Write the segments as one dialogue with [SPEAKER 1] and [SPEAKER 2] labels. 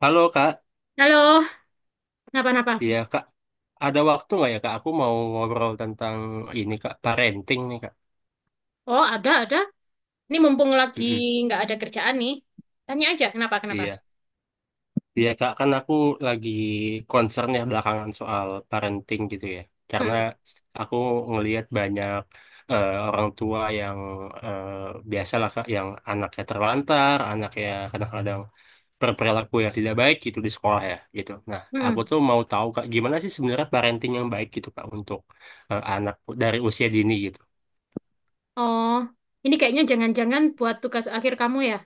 [SPEAKER 1] Halo Kak,
[SPEAKER 2] Halo, kenapa-napa?
[SPEAKER 1] iya Kak, ada waktu nggak ya Kak? Aku mau ngobrol tentang ini Kak, parenting nih Kak.
[SPEAKER 2] Oh, ada, ada. Ini mumpung lagi
[SPEAKER 1] Mm-mm.
[SPEAKER 2] nggak ada kerjaan nih. Tanya aja, kenapa, kenapa?
[SPEAKER 1] Iya, iya Kak, kan aku lagi concern ya belakangan soal parenting gitu ya. Karena
[SPEAKER 2] Mm-mm,
[SPEAKER 1] aku ngelihat banyak orang tua yang eh, biasalah Kak, yang anaknya terlantar, anaknya kadang-kadang berperilaku yang tidak baik gitu di sekolah ya gitu. Nah, aku
[SPEAKER 2] mm-mm.
[SPEAKER 1] tuh mau tahu Kak, gimana sih sebenarnya parenting yang baik gitu Kak untuk anak dari usia dini gitu.
[SPEAKER 2] Oh, ini kayaknya jangan-jangan buat tugas akhir kamu ya?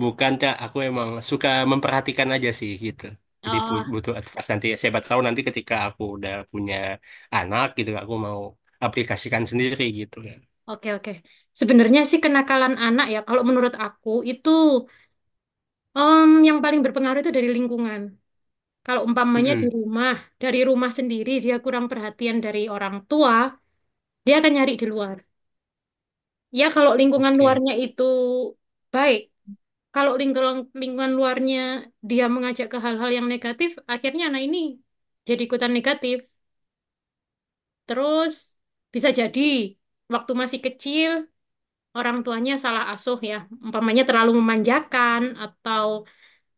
[SPEAKER 1] Bukan, Kak. Aku emang suka memperhatikan aja sih gitu. Jadi
[SPEAKER 2] Oh,
[SPEAKER 1] butuh advice nanti. Siapa tahu nanti ketika aku udah punya anak gitu, aku mau aplikasikan sendiri gitu kan.
[SPEAKER 2] oke, oke. Sebenarnya sih kenakalan anak ya, kalau menurut aku itu yang paling berpengaruh itu dari lingkungan. Kalau umpamanya di
[SPEAKER 1] Mm-mm.
[SPEAKER 2] rumah, dari rumah sendiri dia kurang perhatian dari orang tua, dia akan nyari di luar. Ya, kalau lingkungan
[SPEAKER 1] Oke.
[SPEAKER 2] luarnya itu baik. Kalau lingkungan luarnya dia mengajak ke hal-hal yang negatif, akhirnya anak ini jadi ikutan negatif. Terus bisa jadi waktu masih kecil orang tuanya salah asuh ya, umpamanya terlalu memanjakan atau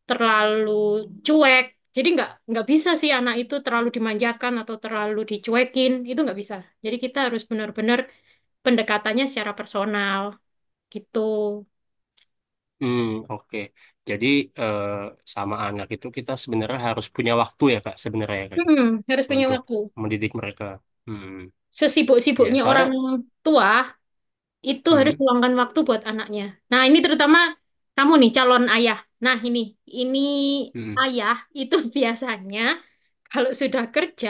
[SPEAKER 2] terlalu cuek. Jadi nggak bisa sih anak itu terlalu dimanjakan atau terlalu dicuekin, itu nggak bisa. Jadi kita harus benar-benar pendekatannya secara personal gitu.
[SPEAKER 1] Hmm, oke. Jadi eh, sama anak itu kita sebenarnya harus punya waktu ya, Kak, sebenarnya ya, Kak,
[SPEAKER 2] Mm-mm, harus punya
[SPEAKER 1] untuk
[SPEAKER 2] waktu.
[SPEAKER 1] mendidik mereka. Hmm. Ya,
[SPEAKER 2] Sesibuk-sibuknya orang
[SPEAKER 1] soalnya
[SPEAKER 2] tua itu harus
[SPEAKER 1] hmm,
[SPEAKER 2] meluangkan waktu buat anaknya. Nah, ini terutama kamu nih calon ayah. Nah, ini
[SPEAKER 1] hmm,
[SPEAKER 2] ayah itu biasanya kalau sudah kerja,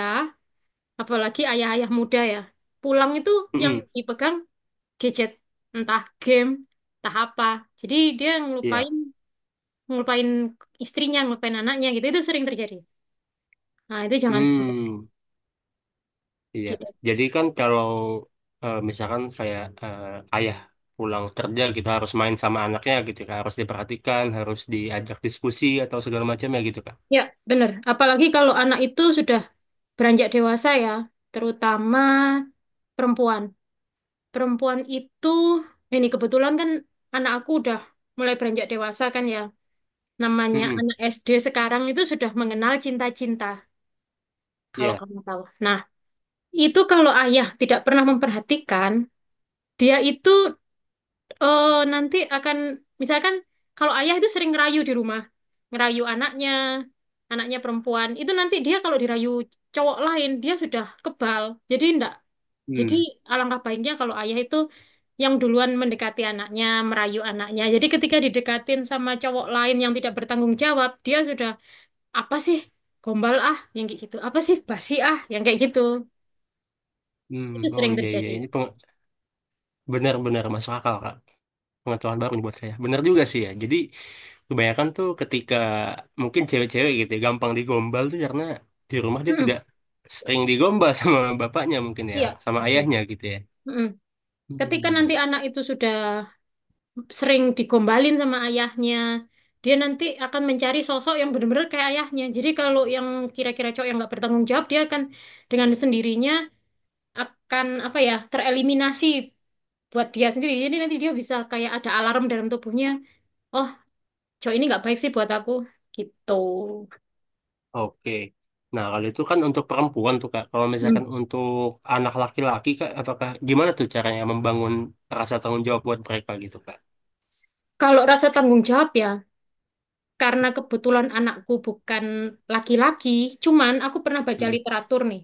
[SPEAKER 2] apalagi ayah-ayah muda ya, pulang itu yang
[SPEAKER 1] hmm,
[SPEAKER 2] dipegang gadget, entah game, entah apa. Jadi dia
[SPEAKER 1] iya.
[SPEAKER 2] ngelupain ngelupain istrinya, ngelupain anaknya gitu. Itu sering terjadi. Nah, itu jangan sampai
[SPEAKER 1] Hmm. Iya,
[SPEAKER 2] gitu.
[SPEAKER 1] jadi kan kalau misalkan kayak ayah pulang kerja kita harus main sama anaknya gitu kan, harus diperhatikan, harus diajak diskusi atau segala macam ya gitu kan.
[SPEAKER 2] Ya, bener. Apalagi kalau anak itu sudah beranjak dewasa ya, terutama perempuan. Perempuan itu, ini kebetulan kan anak aku udah mulai beranjak dewasa kan ya, namanya
[SPEAKER 1] Mm-mm.
[SPEAKER 2] anak SD sekarang itu sudah mengenal cinta-cinta kalau
[SPEAKER 1] Iya.
[SPEAKER 2] kamu tahu. Nah, itu kalau ayah tidak pernah memperhatikan dia itu, nanti akan misalkan, kalau ayah itu sering ngerayu di rumah, ngerayu anaknya, anaknya perempuan itu nanti dia kalau dirayu cowok lain dia sudah kebal, jadi ndak. Jadi
[SPEAKER 1] Hmm.
[SPEAKER 2] alangkah baiknya kalau ayah itu yang duluan mendekati anaknya, merayu anaknya. Jadi ketika didekatin sama cowok lain yang tidak bertanggung jawab, dia sudah apa sih, gombal ah yang kayak gitu, apa sih basi ah yang kayak gitu. Itu
[SPEAKER 1] Hmm. Oh
[SPEAKER 2] sering
[SPEAKER 1] iya iya
[SPEAKER 2] terjadi.
[SPEAKER 1] ini benar-benar masuk akal Kak. Pengetahuan baru nih buat saya. Benar juga sih ya. Jadi kebanyakan tuh ketika mungkin cewek-cewek gitu ya, gampang digombal tuh karena di rumah dia
[SPEAKER 2] Mm-mm.
[SPEAKER 1] tidak sering digombal sama bapaknya mungkin ya,
[SPEAKER 2] Iya,
[SPEAKER 1] sama
[SPEAKER 2] betul.
[SPEAKER 1] ayahnya gitu ya.
[SPEAKER 2] Mm-mm. Ketika nanti
[SPEAKER 1] Hmm.
[SPEAKER 2] anak itu sudah sering digombalin sama ayahnya, dia nanti akan mencari sosok yang benar-benar kayak ayahnya. Jadi kalau yang kira-kira cowok yang nggak bertanggung jawab, dia akan dengan sendirinya akan apa ya, tereliminasi buat dia sendiri. Jadi nanti dia bisa kayak ada alarm dalam tubuhnya. Oh, cowok ini nggak baik sih buat aku. Gitu.
[SPEAKER 1] Oke. Nah, kalau itu kan untuk perempuan tuh, Kak. Kalau misalkan
[SPEAKER 2] Hmm.
[SPEAKER 1] untuk anak laki-laki, Kak, apakah gimana tuh caranya membangun rasa tanggung jawab buat mereka gitu, Kak?
[SPEAKER 2] Kalau rasa tanggung jawab ya, karena kebetulan anakku bukan laki-laki, cuman aku pernah baca
[SPEAKER 1] Mm,
[SPEAKER 2] literatur nih.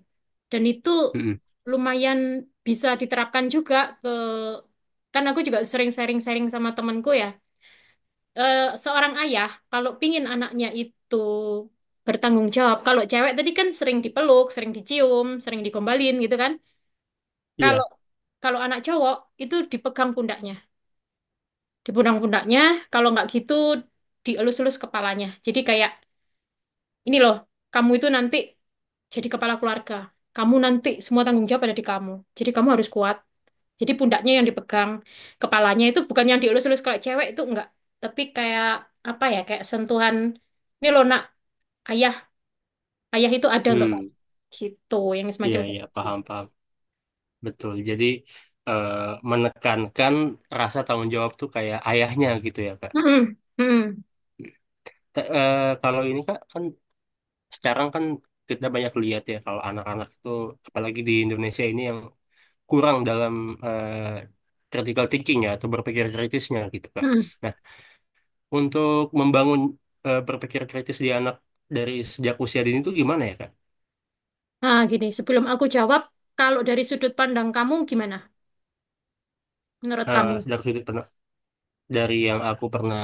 [SPEAKER 2] Dan itu
[SPEAKER 1] mm,
[SPEAKER 2] lumayan bisa diterapkan juga ke, kan aku juga sering sharing-sharing sama temanku ya. Seorang ayah kalau pingin anaknya itu bertanggung jawab, kalau cewek tadi kan sering dipeluk, sering dicium, sering digombalin gitu kan. Kalau
[SPEAKER 1] iya.
[SPEAKER 2] kalau anak cowok itu dipegang pundaknya, dipundang pundaknya, kalau nggak gitu dielus-elus kepalanya. Jadi kayak ini loh, kamu itu nanti jadi kepala keluarga. Kamu nanti semua tanggung jawab ada di kamu. Jadi kamu harus kuat. Jadi pundaknya yang dipegang, kepalanya itu bukan yang dielus-elus kalau cewek itu enggak. Tapi kayak apa ya, kayak sentuhan. Ini loh nak, ayah, ayah itu ada untuk kamu.
[SPEAKER 1] Hmm,
[SPEAKER 2] Gitu, yang semacam
[SPEAKER 1] iya,
[SPEAKER 2] gitu.
[SPEAKER 1] iya, paham, paham. Betul. Jadi, eh, menekankan rasa tanggung jawab tuh kayak ayahnya gitu ya, Kak.
[SPEAKER 2] Mm-mm, mm-mm,
[SPEAKER 1] Kalau ini, Kak, kan sekarang kan kita banyak lihat ya kalau anak-anak tuh, apalagi di Indonesia ini yang kurang dalam eh, critical thinking ya atau berpikir kritisnya gitu Kak.
[SPEAKER 2] mm-mm.
[SPEAKER 1] Nah, untuk membangun berpikir kritis di anak dari sejak usia dini itu gimana ya Kak?
[SPEAKER 2] Nah, gini, sebelum aku jawab, kalau dari sudut pandang kamu gimana? Menurut
[SPEAKER 1] Eh,
[SPEAKER 2] kamu?
[SPEAKER 1] sejak sudut Dari yang aku pernah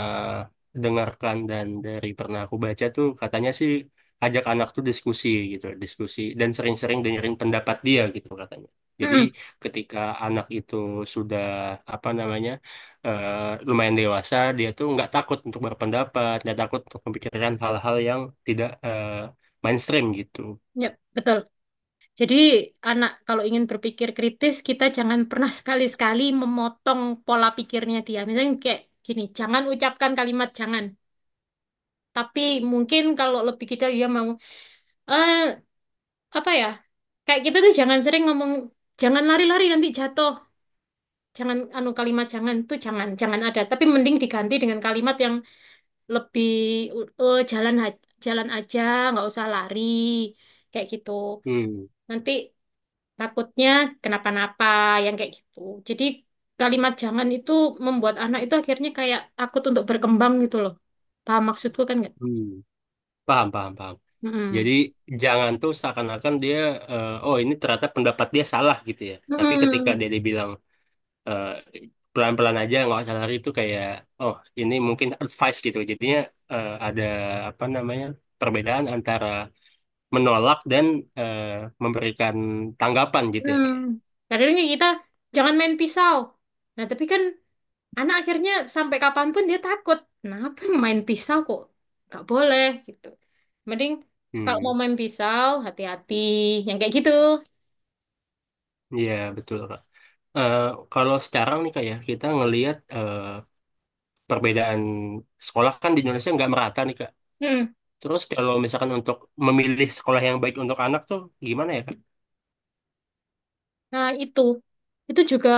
[SPEAKER 1] dengarkan dan dari pernah aku baca tuh katanya sih ajak anak tuh diskusi gitu, diskusi dan sering-sering dengerin pendapat dia gitu katanya. Jadi
[SPEAKER 2] Mm-mm,
[SPEAKER 1] ketika anak itu sudah apa namanya lumayan dewasa, dia tuh nggak takut untuk berpendapat, nggak takut untuk memikirkan hal-hal yang tidak mainstream gitu.
[SPEAKER 2] yep, betul. Jadi anak kalau ingin berpikir kritis kita jangan pernah sekali-sekali memotong pola pikirnya dia. Misalnya kayak gini, jangan ucapkan kalimat jangan. Tapi mungkin kalau lebih kita dia mau eh apa ya? Kayak kita tuh jangan sering ngomong jangan lari-lari nanti jatuh. Jangan anu kalimat jangan tuh jangan jangan ada. Tapi mending diganti dengan kalimat yang lebih "Eh, jalan aja, nggak usah lari. Kayak gitu.
[SPEAKER 1] Hmm.
[SPEAKER 2] Nanti takutnya kenapa-napa yang kayak gitu. Jadi kalimat jangan itu membuat anak itu akhirnya kayak takut untuk berkembang gitu loh. Paham maksudku kan nggak?
[SPEAKER 1] Hmm. Paham, paham, paham. Jadi
[SPEAKER 2] Mm-mm.
[SPEAKER 1] jangan tuh seakan-akan dia, oh ini ternyata pendapat dia salah gitu ya. Tapi ketika
[SPEAKER 2] Mm-mm.
[SPEAKER 1] dia dibilang eh, pelan-pelan aja nggak usah lari itu kayak, oh ini mungkin advice gitu. Jadinya ada apa namanya perbedaan antara menolak dan eh, memberikan tanggapan gitu ya
[SPEAKER 2] Mm.
[SPEAKER 1] kak. Ya.
[SPEAKER 2] Kadangnya kita jangan main pisau. Nah, tapi kan anak akhirnya sampai kapanpun dia takut. Kenapa main pisau kok? Nggak boleh gitu. Mending kalau mau
[SPEAKER 1] Hmm,
[SPEAKER 2] main pisau hati-hati yang kayak gitu.
[SPEAKER 1] ya betul kak. Eh, kalau sekarang nih kak ya kita ngelihat perbedaan sekolah kan di Indonesia nggak merata nih kak.
[SPEAKER 2] Mm.
[SPEAKER 1] Terus kalau misalkan untuk memilih sekolah yang baik untuk anak tuh gimana ya, Kak?
[SPEAKER 2] Nah, itu. Itu juga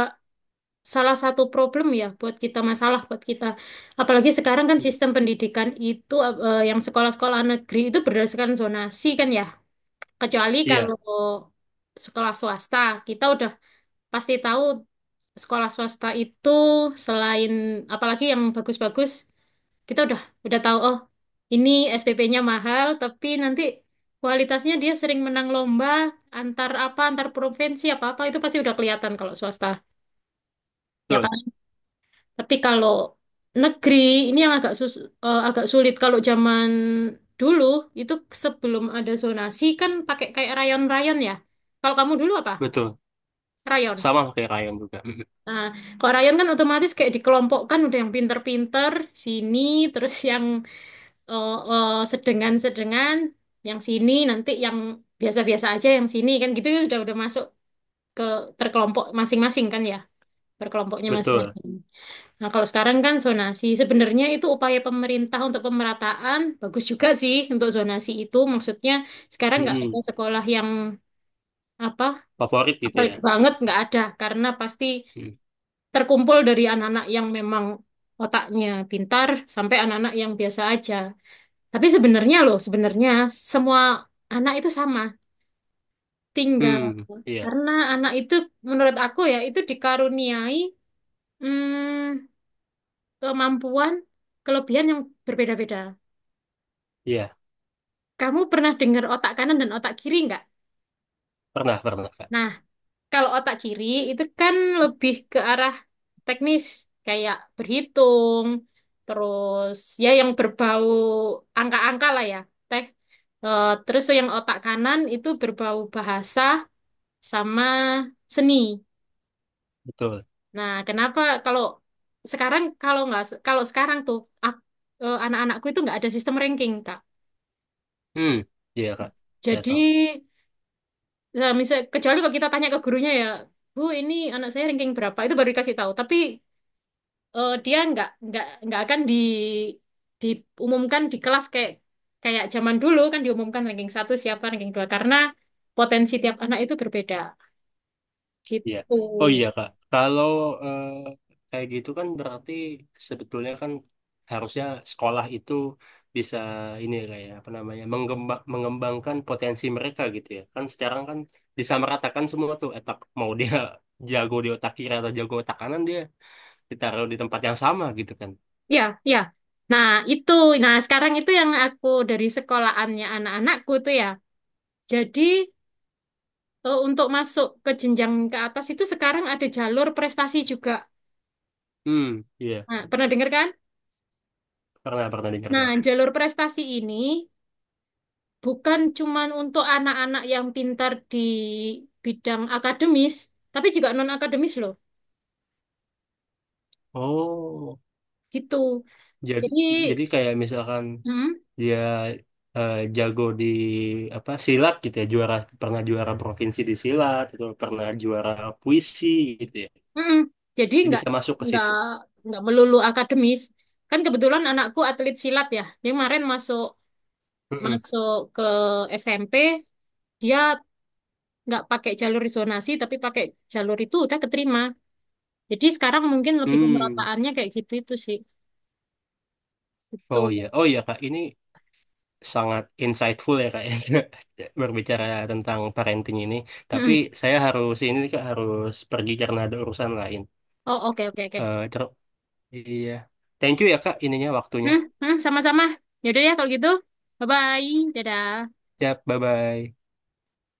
[SPEAKER 2] salah satu problem ya buat kita, masalah buat kita apalagi sekarang kan sistem pendidikan itu yang sekolah-sekolah negeri itu berdasarkan zonasi kan ya, kecuali kalau
[SPEAKER 1] Iya,
[SPEAKER 2] sekolah swasta. Kita udah pasti tahu sekolah swasta itu selain, apalagi yang bagus-bagus kita udah tahu oh ini SPP-nya mahal tapi nanti kualitasnya dia sering menang lomba antar apa antar provinsi apa apa itu pasti udah kelihatan kalau swasta, ya
[SPEAKER 1] betul,
[SPEAKER 2] kan? Tapi kalau negeri ini yang agak sus agak sulit. Kalau zaman dulu itu sebelum ada zonasi kan pakai kayak rayon-rayon ya. Kalau kamu dulu apa?
[SPEAKER 1] betul.
[SPEAKER 2] Rayon.
[SPEAKER 1] Sama kayak Ryan juga. Mm-mm.
[SPEAKER 2] Nah, kalau rayon kan otomatis kayak dikelompokkan udah yang pinter-pinter sini, terus yang sedengan-sedengan, yang sini nanti yang biasa-biasa aja yang sini kan gitu udah masuk ke terkelompok masing-masing kan ya, berkelompoknya
[SPEAKER 1] Betul.
[SPEAKER 2] masing-masing. Nah, kalau sekarang kan zonasi, sebenarnya itu upaya pemerintah untuk pemerataan, bagus juga sih untuk zonasi itu. Maksudnya sekarang nggak ada
[SPEAKER 1] Mm-mm.
[SPEAKER 2] sekolah yang apa
[SPEAKER 1] Favorit gitu
[SPEAKER 2] favorit
[SPEAKER 1] ya.
[SPEAKER 2] banget, nggak ada karena pasti
[SPEAKER 1] Mm.
[SPEAKER 2] terkumpul dari anak-anak yang memang otaknya pintar sampai anak-anak yang biasa aja. Tapi sebenarnya loh, sebenarnya semua anak itu sama, tinggal
[SPEAKER 1] Hmm, iya,
[SPEAKER 2] karena anak itu menurut aku ya itu dikaruniai hmm, kemampuan, kelebihan yang berbeda-beda.
[SPEAKER 1] iya.
[SPEAKER 2] Kamu pernah dengar otak kanan dan otak kiri nggak?
[SPEAKER 1] Pernah, pernah, Kak.
[SPEAKER 2] Nah, kalau otak kiri itu kan lebih ke arah teknis, kayak berhitung, terus ya yang berbau angka-angka lah ya. Teh. Terus yang otak kanan itu berbau bahasa sama seni.
[SPEAKER 1] Betul.
[SPEAKER 2] Nah, kenapa kalau sekarang kalau nggak kalau sekarang tuh ak- anak-anakku itu nggak ada sistem ranking, Kak.
[SPEAKER 1] Hmm, iya, Kak. Saya
[SPEAKER 2] Jadi
[SPEAKER 1] tahu.
[SPEAKER 2] nah, misal kecuali kalau kita tanya ke gurunya ya, Bu, ini anak saya ranking berapa? Itu baru dikasih tahu. Tapi dia nggak akan di diumumkan di kelas kayak kayak zaman dulu kan diumumkan ranking 1 siapa ranking 2 karena potensi tiap anak itu berbeda
[SPEAKER 1] Iya.
[SPEAKER 2] gitu.
[SPEAKER 1] Oh iya Kak, kalau eh, kayak gitu kan berarti sebetulnya kan harusnya sekolah itu bisa ini ya, Kak ya, apa namanya mengembangkan potensi mereka gitu ya. Kan sekarang kan disamaratakan semua tuh etak mau dia jago di otak kiri atau jago otak kanan dia ditaruh di tempat yang sama gitu kan.
[SPEAKER 2] Ya, ya. Nah, itu. Nah, sekarang itu yang aku dari sekolahannya anak-anakku tuh ya. Jadi untuk masuk ke jenjang ke atas itu sekarang ada jalur prestasi juga.
[SPEAKER 1] Hmm, iya.
[SPEAKER 2] Nah, pernah dengar kan?
[SPEAKER 1] Pernah pernah dengar
[SPEAKER 2] Nah,
[SPEAKER 1] dia.
[SPEAKER 2] jalur prestasi ini bukan cuman untuk anak-anak yang pintar di bidang akademis, tapi juga non-akademis loh.
[SPEAKER 1] Oh,
[SPEAKER 2] Gitu.
[SPEAKER 1] jadi
[SPEAKER 2] Jadi,
[SPEAKER 1] jadi kayak misalkan
[SPEAKER 2] mm,
[SPEAKER 1] dia jago di apa silat gitu ya juara pernah juara provinsi di silat atau pernah juara puisi gitu ya
[SPEAKER 2] mm, jadi
[SPEAKER 1] dia bisa masuk ke
[SPEAKER 2] nggak
[SPEAKER 1] situ.
[SPEAKER 2] nggak melulu akademis. Kan kebetulan anakku atlet silat ya. Dia kemarin masuk
[SPEAKER 1] Mm-mm.
[SPEAKER 2] masuk ke SMP, dia nggak pakai jalur zonasi, tapi pakai jalur itu udah keterima. Jadi sekarang mungkin lebih
[SPEAKER 1] Hmm.
[SPEAKER 2] pemerataannya kayak gitu itu sih. Gitu.
[SPEAKER 1] Oh iya oh iya kak ini sangat insightful ya kak berbicara tentang parenting ini tapi
[SPEAKER 2] Mm-mm.
[SPEAKER 1] saya harus ini nih, kak harus pergi karena ada urusan lain.
[SPEAKER 2] Oh, oke, oke, oke.
[SPEAKER 1] Eh, ter- iya, thank you ya kak ininya waktunya.
[SPEAKER 2] Hmm, hmm, sama-sama. Yaudah ya kalau gitu. Bye-bye. Dadah.
[SPEAKER 1] Ya, bye bye.